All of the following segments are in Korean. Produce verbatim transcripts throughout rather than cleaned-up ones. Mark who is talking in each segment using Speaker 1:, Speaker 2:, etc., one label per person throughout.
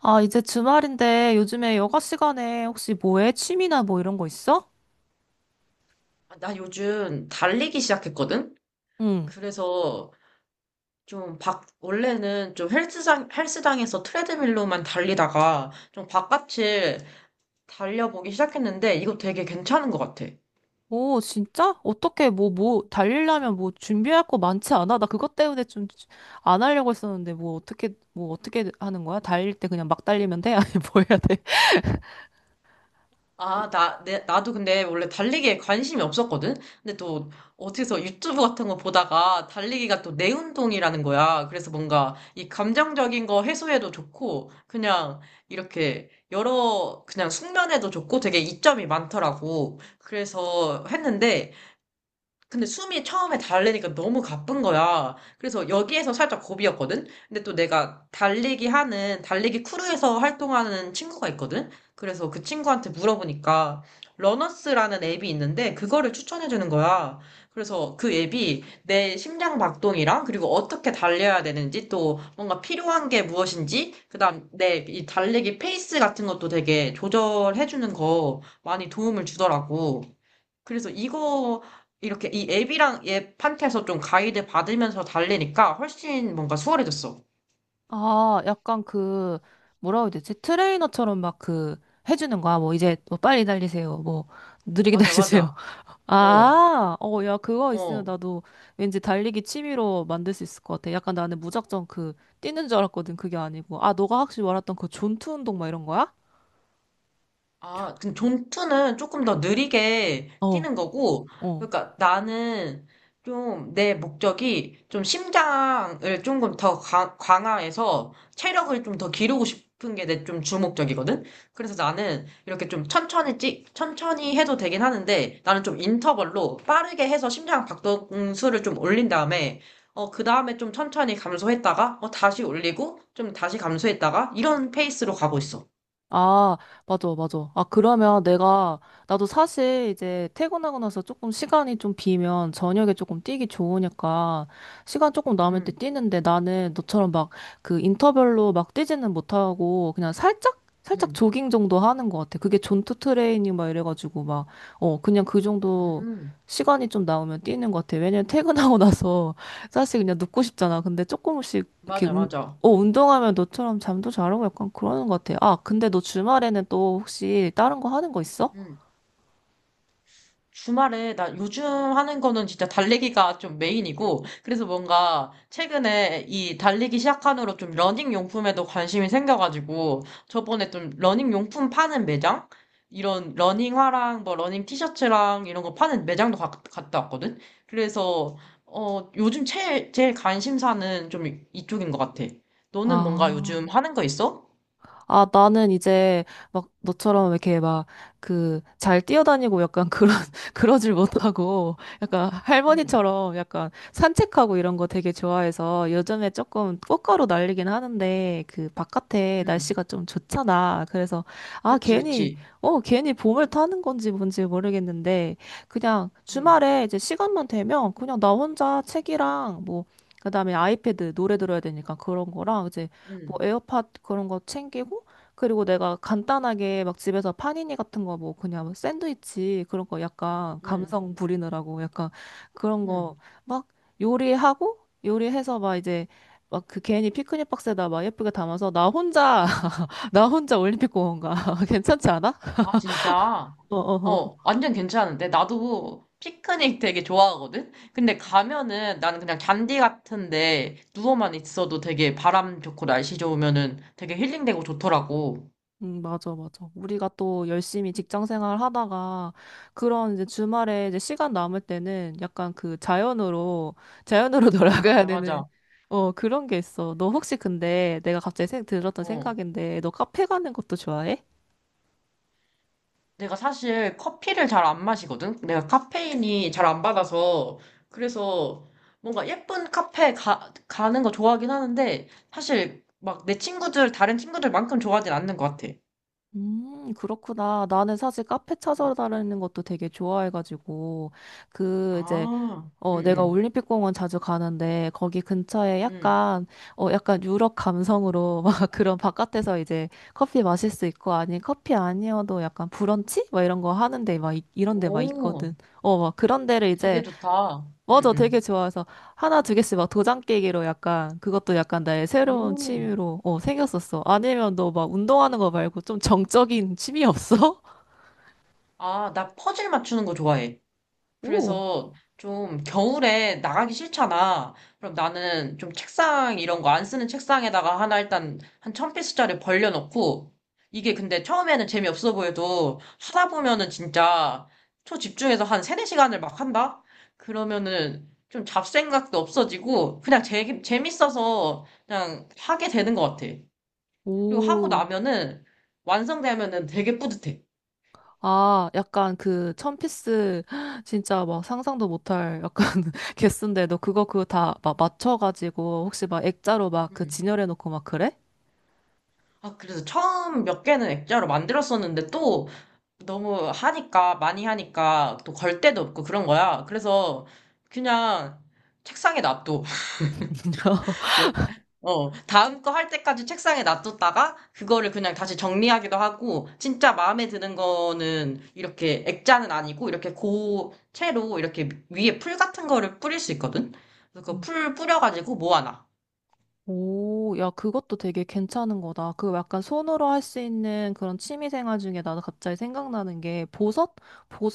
Speaker 1: 아, 이제 주말인데 요즘에 여가 시간에 혹시 뭐 해? 취미나 뭐 이런 거 있어?
Speaker 2: 아, 나 요즘 달리기 시작했거든?
Speaker 1: 응.
Speaker 2: 그래서 좀 밖 원래는 좀 헬스장, 헬스장에서 트레드밀로만 달리다가 좀 바깥을 달려보기 시작했는데 이거 되게 괜찮은 것 같아.
Speaker 1: 오, 진짜? 어떻게 뭐, 뭐, 달리려면 뭐 준비할 거 많지 않아? 나 그것 때문에 좀 안 하려고 했었는데 뭐 어떻게, 뭐 어떻게 하는 거야? 달릴 때 그냥 막 달리면 돼? 아니, 뭐 해야 돼?
Speaker 2: 아, 나, 내, 나도 근데 원래 달리기에 관심이 없었거든? 근데 또 어디서 유튜브 같은 거 보다가 달리기가 또 내 운동이라는 거야. 그래서 뭔가 이 감정적인 거 해소에도 좋고, 그냥 이렇게 여러, 그냥 숙면에도 좋고 되게 이점이 많더라고. 그래서 했는데, 근데 숨이 처음에 달리니까 너무 가쁜 거야. 그래서 여기에서 살짝 고비였거든? 근데 또 내가 달리기 하는, 달리기 크루에서 활동하는 친구가 있거든? 그래서 그 친구한테 물어보니까, 러너스라는 앱이 있는데, 그거를 추천해주는 거야. 그래서 그 앱이 내 심장 박동이랑, 그리고 어떻게 달려야 되는지, 또 뭔가 필요한 게 무엇인지, 그다음 내 이 달리기 페이스 같은 것도 되게 조절해주는 거 많이 도움을 주더라고. 그래서 이거 이렇게 이 앱이랑 앱한테서 좀 가이드 받으면서 달리니까 훨씬 뭔가 수월해졌어.
Speaker 1: 아, 약간 그, 뭐라고 해야 되지? 트레이너처럼 막 그, 해주는 거야. 뭐 이제 뭐 빨리 달리세요. 뭐 느리게
Speaker 2: 맞아,
Speaker 1: 달리세요.
Speaker 2: 맞아. 어,
Speaker 1: 아, 어, 야, 그거 있으면
Speaker 2: 어.
Speaker 1: 나도 왠지 달리기 취미로 만들 수 있을 것 같아. 약간 나는 무작정 그, 뛰는 줄 알았거든. 그게 아니고. 아, 너가 확실히 말했던 그 존투 운동 막 이런 거야?
Speaker 2: 아, 근데 존투는 조금 더 느리게
Speaker 1: 어.
Speaker 2: 뛰는 거고,
Speaker 1: 어.
Speaker 2: 그러니까 나는 좀 내 목적이 좀 심장을 조금 더 강, 강화해서 체력을 좀 더 기르고 싶은 게 내 좀 주목적이거든? 그래서 나는 이렇게 좀 천천히 찍, 천천히 해도 되긴 하는데, 나는 좀 인터벌로 빠르게 해서 심장 박동수를 좀 올린 다음에, 어, 그 다음에 좀 천천히 감소했다가, 어, 다시 올리고, 좀 다시 감소했다가, 이런 페이스로 가고 있어.
Speaker 1: 아, 맞아, 맞아. 아, 그러면 내가, 나도 사실 이제 퇴근하고 나서 조금 시간이 좀 비면 저녁에 조금 뛰기 좋으니까 시간 조금 남을 때
Speaker 2: 음,
Speaker 1: 뛰는데 나는 너처럼 막 그 인터벌로 막 뛰지는 못하고 그냥 살짝, 살짝
Speaker 2: 음,
Speaker 1: 조깅 정도 하는 것 같아. 그게 존투 트레이닝 막 이래가지고 막, 어, 그냥 그 정도
Speaker 2: 음.
Speaker 1: 시간이 좀 나오면 뛰는 것 같아. 왜냐면 퇴근하고 나서 사실 그냥 눕고 싶잖아. 근데 조금씩 이렇게
Speaker 2: 맞아, 맞아.
Speaker 1: 어, 운동하면 너처럼 잠도 잘 오고 약간 그러는 것 같아. 아, 근데 너 주말에는 또 혹시 다른 거 하는 거 있어?
Speaker 2: 음. 주말에, 나 요즘 하는 거는 진짜 달리기가 좀 메인이고, 그래서 뭔가 최근에 이 달리기 시작한 후로 좀 러닝 용품에도 관심이 생겨가지고, 저번에 좀 러닝 용품 파는 매장? 이런 러닝화랑 뭐 러닝 티셔츠랑 이런 거 파는 매장도 가- 갔다 왔거든? 그래서, 어, 요즘 제일, 제일 관심사는 좀 이- 이쪽인 것 같아. 너는 뭔가 요즘
Speaker 1: 아.
Speaker 2: 하는 거 있어?
Speaker 1: 아, 나는 이제 막 너처럼 이렇게 막 그 잘 뛰어다니고 약간 그런, 그러질 못하고 약간
Speaker 2: 응,
Speaker 1: 할머니처럼 약간 산책하고 이런 거 되게 좋아해서 요즘에 조금 꽃가루 날리긴 하는데 그 바깥에
Speaker 2: 응.
Speaker 1: 날씨가 좀 좋잖아. 그래서 아,
Speaker 2: 그치,
Speaker 1: 괜히,
Speaker 2: 그치.
Speaker 1: 어, 괜히 봄을 타는 건지 뭔지 모르겠는데 그냥
Speaker 2: 응,
Speaker 1: 주말에 이제 시간만 되면 그냥 나 혼자 책이랑 뭐 그다음에 아이패드 노래 들어야 되니까 그런 거랑 이제
Speaker 2: 응,
Speaker 1: 뭐 에어팟 그런 거 챙기고 그리고 내가 간단하게 막 집에서 파니니 같은 거 뭐 그냥 뭐 샌드위치 그런 거 약간
Speaker 2: 응.
Speaker 1: 감성 부리느라고 약간 그런 거
Speaker 2: 응.
Speaker 1: 막 요리하고 요리해서 막 이제 막 그 괜히 피크닉 박스에다 막 예쁘게 담아서 나 혼자 나 혼자 올림픽 공원 가 괜찮지 않아?
Speaker 2: 아, 진짜?
Speaker 1: 어어.
Speaker 2: 어, 완전 괜찮은데? 나도 피크닉 되게 좋아하거든? 근데 가면은 나는 그냥 잔디 같은데 누워만 있어도 되게 바람 좋고 날씨 좋으면은 되게 힐링되고 좋더라고.
Speaker 1: 음, 맞아, 맞아. 우리가 또 열심히 직장 생활 하다가 그런 이제 주말에 이제 시간 남을 때는 약간 그 자연으로, 자연으로 돌아가야
Speaker 2: 맞아,
Speaker 1: 되는,
Speaker 2: 맞아.
Speaker 1: 어, 그런 게 있어. 너 혹시 근데 내가 갑자기 생, 들었던
Speaker 2: 어.
Speaker 1: 생각인데 너 카페 가는 것도 좋아해?
Speaker 2: 내가 사실 커피를 잘 안 마시거든? 내가 카페인이 잘 안 받아서. 그래서 뭔가 예쁜 카페 가, 가는 거 좋아하긴 하는데 사실 막 내 친구들, 다른 친구들만큼 좋아하진 않는 것 같아.
Speaker 1: 음, 그렇구나. 나는 사실 카페
Speaker 2: 응.
Speaker 1: 찾아다니는 것도 되게 좋아해가지고, 그, 이제,
Speaker 2: 아, 응,
Speaker 1: 어, 내가
Speaker 2: 응.
Speaker 1: 올림픽공원 자주 가는데 거기 근처에
Speaker 2: 응.
Speaker 1: 약간 어 약간 유럽 감성으로 막 그런 바깥에서 이제 커피 마실 수 있고 아니 커피 아니어도 약간 브런치 막 이런 거 하는데 막 이, 이런 데 막
Speaker 2: 오,
Speaker 1: 있거든. 어, 막 그런 데를
Speaker 2: 되게
Speaker 1: 이제
Speaker 2: 좋다. 응,
Speaker 1: 맞아 되게
Speaker 2: 응.
Speaker 1: 좋아해서 하나 두 개씩 막 도장 깨기로 약간 그것도 약간 나의 새로운
Speaker 2: 오.
Speaker 1: 취미로 어 생겼었어. 아니면 너 막 운동하는 거 말고 좀 정적인 취미 없어?
Speaker 2: 아, 나 퍼즐 맞추는 거 좋아해.
Speaker 1: 오,
Speaker 2: 그래서 좀 겨울에 나가기 싫잖아. 그럼 나는 좀 책상 이런 거 안 쓰는 책상에다가 하나 일단 한 천 피스짜리 벌려놓고 이게 근데 처음에는 재미없어 보여도 하다 보면은 진짜 초집중해서 한 세네 시간을막 한다? 그러면은 좀 잡생각도 없어지고 그냥 재, 재밌어서 그냥 하게 되는 것 같아. 그리고 하고
Speaker 1: 오.
Speaker 2: 나면은 완성되면은 되게 뿌듯해.
Speaker 1: 아, 약간 그 천피스 진짜 막 상상도 못할 약간 개수인데 너 그거 그거 다 막 맞춰가지고 혹시 막 액자로 막 그
Speaker 2: 음.
Speaker 1: 진열해놓고 막 그래?
Speaker 2: 아, 그래서 처음 몇 개는 액자로 만들었었는데 또 너무 하니까, 많이 하니까 또 걸 데도 없고 그런 거야. 그래서 그냥 책상에 놔둬. 몇, 어, 다음 거 할 때까지 책상에 놔뒀다가 그거를 그냥 다시 정리하기도 하고 진짜 마음에 드는 거는 이렇게 액자는 아니고 이렇게 고체로 이렇게 위에 풀 같은 거를 뿌릴 수 있거든. 그래서 그
Speaker 1: 음.
Speaker 2: 풀 뿌려가지고 모아놔.
Speaker 1: 오, 야, 그것도 되게 괜찮은 거다. 그 약간 손으로 할 수 있는 그런 취미 생활 중에 나도 갑자기 생각나는 게 보석?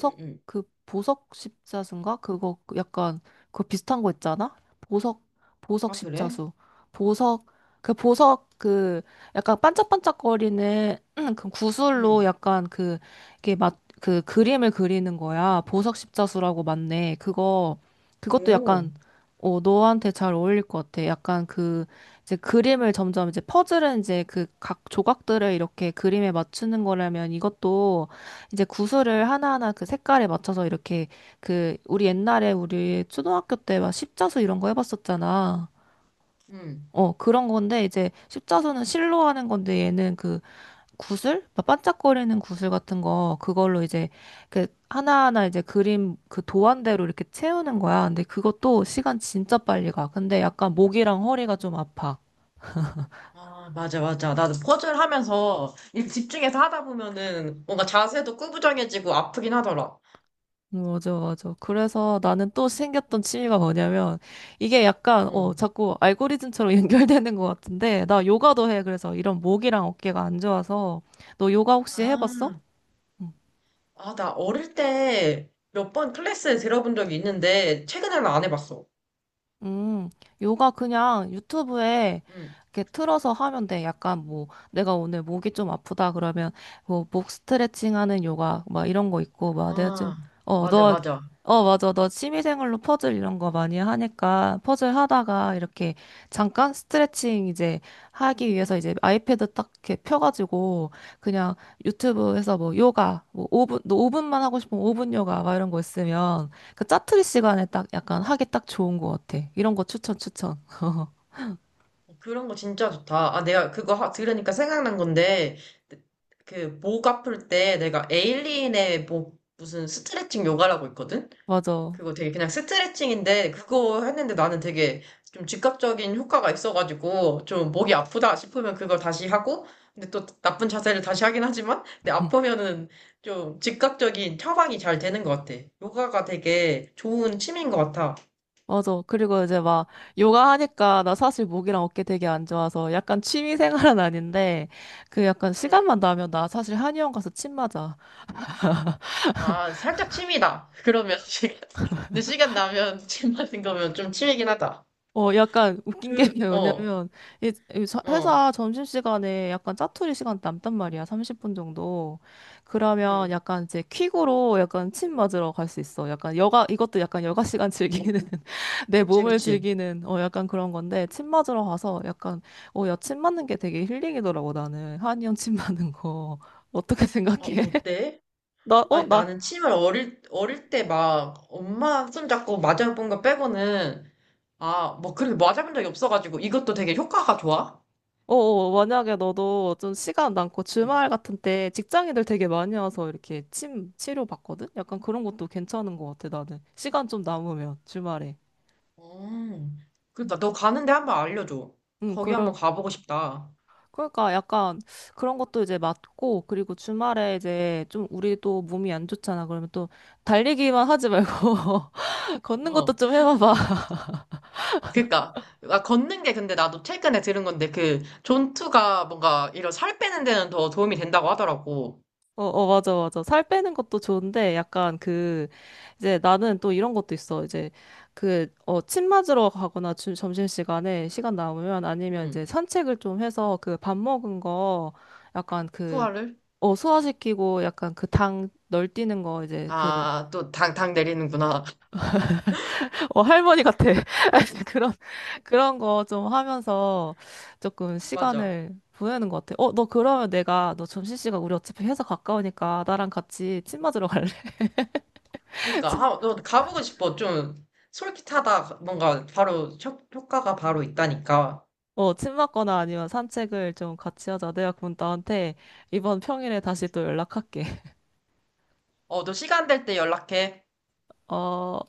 Speaker 2: 응, 응.
Speaker 1: 그 보석 십자수인가? 그거 그 약간, 그거 비슷한 거 있잖아? 보석, 보석
Speaker 2: 아, 그래?
Speaker 1: 십자수. 보석, 그 보석, 그 약간 반짝반짝거리는 그 구슬로
Speaker 2: 응.
Speaker 1: 약간 그, 이게 막, 그 그림을 그리는 거야. 보석 십자수라고 맞네. 그거, 그것도
Speaker 2: 오.
Speaker 1: 약간, 어, 너한테 잘 어울릴 것 같아. 약간 그, 이제 그림을 점점 이제 퍼즐은 이제 그 각 조각들을 이렇게 그림에 맞추는 거라면 이것도 이제 구슬을 하나하나 그 색깔에 맞춰서 이렇게 그 우리 옛날에 우리 초등학교 때 막 십자수 이런 거 해봤었잖아.
Speaker 2: 응.
Speaker 1: 어, 그런 건데 이제 십자수는 실로 하는 건데 얘는 그 구슬? 막 반짝거리는 구슬 같은 거 그걸로 이제 그 하나하나 이제 그림 그 도안대로 이렇게 채우는 거야. 근데 그것도 시간 진짜 빨리 가. 근데 약간 목이랑 허리가 좀 아파.
Speaker 2: 아, 맞아, 맞아. 나도 퍼즐 하면서 일 집중해서 하다 보면은 뭔가 자세도 구부정해지고 아프긴 하더라.
Speaker 1: 맞아, 맞아. 그래서 나는 또 생겼던 취미가 뭐냐면, 이게 약간,
Speaker 2: 응.
Speaker 1: 어, 자꾸 알고리즘처럼 연결되는 것 같은데, 나 요가도 해. 그래서 이런 목이랑 어깨가 안 좋아서, 너 요가 혹시 해봤어?
Speaker 2: 아,
Speaker 1: 응.
Speaker 2: 아, 나 어릴, 때 몇 번 클래스에 들어본 적이 있는데 최근에는 안 해봤어.
Speaker 1: 음, 요가 그냥 유튜브에
Speaker 2: 응.
Speaker 1: 이렇게 틀어서 하면 돼. 약간 뭐, 내가 오늘 목이 좀 아프다 그러면, 뭐, 목 스트레칭 하는 요가, 막 이런 거 있고, 막 내가 좀,
Speaker 2: 아,
Speaker 1: 어,
Speaker 2: 맞아,
Speaker 1: 너,
Speaker 2: 맞아.
Speaker 1: 어, 맞아. 너 취미생활로 퍼즐 이런 거 많이 하니까, 퍼즐 하다가 이렇게 잠깐 스트레칭 이제 하기 위해서 이제 아이패드 딱 이렇게 펴가지고, 그냥 유튜브에서 뭐, 요가, 뭐, 오 분, 너분만 하고 싶으면 오 분 요가, 막 이런 거 있으면, 그 짜투리 시간에 딱 약간 하기 딱 좋은 것 같아. 이런 거 추천, 추천.
Speaker 2: 어, 그런 거 진짜 좋다. 아, 내가 그거 하- 들으니까 생각난 건데 그 목 아플 때 내가 에일린의 뭐 무슨 스트레칭 요가라고 있거든?
Speaker 1: 맞아.
Speaker 2: 그거 되게 그냥 스트레칭인데 그거 했는데 나는 되게 좀 즉각적인 효과가 있어가지고 좀 목이 아프다 싶으면 그걸 다시 하고 근데 또 나쁜 자세를 다시 하긴 하지만 근데
Speaker 1: 음,
Speaker 2: 아프면은 좀 즉각적인 처방이 잘 되는 것 같아. 요가가 되게 좋은 취미인 것 같아.
Speaker 1: 맞아. 그리고 이제 막 요가 하니까 나 사실 목이랑 어깨 되게 안 좋아서 약간 취미 생활은 아닌데 그 약간
Speaker 2: 음,
Speaker 1: 시간만 나면 나 사실 한의원 가서 침 맞아.
Speaker 2: 아, 살짝 취미다. 그러면 시간, 근데 시간 나면 침 맞은 거면 좀 취미긴 하다.
Speaker 1: 어, 약간 웃긴 게
Speaker 2: 그, 어,
Speaker 1: 왜냐면, 이- 이 저-
Speaker 2: 어,
Speaker 1: 회사 점심시간에 약간 짜투리 시간 남단 말이야, 삼십 분 정도. 그러면
Speaker 2: 음,
Speaker 1: 약간 이제 퀵으로 약간 침 맞으러 갈 수 있어. 약간 여가, 이것도 약간 여가 시간 즐기는, 내
Speaker 2: 그치,
Speaker 1: 몸을
Speaker 2: 그치.
Speaker 1: 즐기는, 어, 약간 그런 건데, 침 맞으러 가서 약간, 어, 야, 침 맞는 게 되게 힐링이더라고, 나는. 한이형 침 맞는 거. 어떻게
Speaker 2: 어,
Speaker 1: 생각해?
Speaker 2: 어때?
Speaker 1: 나, 어,
Speaker 2: 아니,
Speaker 1: 나,
Speaker 2: 나는 침을 어릴, 어릴 때 막, 엄마 손잡고 맞아본 거 빼고는, 아, 뭐, 그래도 맞아본 적이 없어가지고, 이것도 되게 효과가 좋아?
Speaker 1: 어, 어, 만약에 너도 좀 시간 남고
Speaker 2: 음.
Speaker 1: 주말 같은 때 직장인들 되게 많이 와서 이렇게 침 치료 받거든? 약간 그런 것도 괜찮은 것 같아, 나는. 시간 좀 남으면, 주말에.
Speaker 2: 어, 그러니까 너 가는데 한번 알려줘.
Speaker 1: 응,
Speaker 2: 거기
Speaker 1: 그럴,
Speaker 2: 한번 가보고 싶다.
Speaker 1: 그러니까 약간 그런 것도 이제 맞고, 그리고 주말에 이제 좀 우리도 몸이 안 좋잖아. 그러면 또 달리기만 하지 말고, 걷는 것도
Speaker 2: 어,
Speaker 1: 좀 해봐봐.
Speaker 2: 아, 그러니까 아, 걷는 게 근데 나도 최근에 들은 건데 그 존투가 뭔가 이런 살 빼는 데는 더 도움이 된다고 하더라고.
Speaker 1: 어, 어, 맞아, 맞아. 살 빼는 것도 좋은데, 약간 그, 이제 나는 또 이런 것도 있어. 이제 그, 어, 침 맞으러 가거나 주, 점심시간에 시간 남으면 아니면
Speaker 2: 응,
Speaker 1: 이제 산책을 좀 해서 그 밥 먹은 거 약간 그,
Speaker 2: 소화를?
Speaker 1: 어, 소화시키고 약간 그 당 널뛰는 거 이제 그,
Speaker 2: 아, 또 당, 당 내리는구나.
Speaker 1: 어, 할머니 같아. 그런, 그런 거 좀 하면서 조금
Speaker 2: 맞아.
Speaker 1: 시간을 보내는 것 같아. 어, 너 그러면 내가, 너 점심시간 우리 어차피 회사 가까우니까 나랑 같이 침 맞으러 갈래?
Speaker 2: 그러니까 아, 너 가보고 싶어. 좀 솔깃하다. 뭔가 바로 효, 효과가 바로 있다니까.
Speaker 1: 어, 침 맞거나 아니면 산책을 좀 같이 하자. 내가 그럼 나한테 이번 평일에 다시 또 연락할게.
Speaker 2: 어, 너 시간 될 때 연락해.
Speaker 1: 어,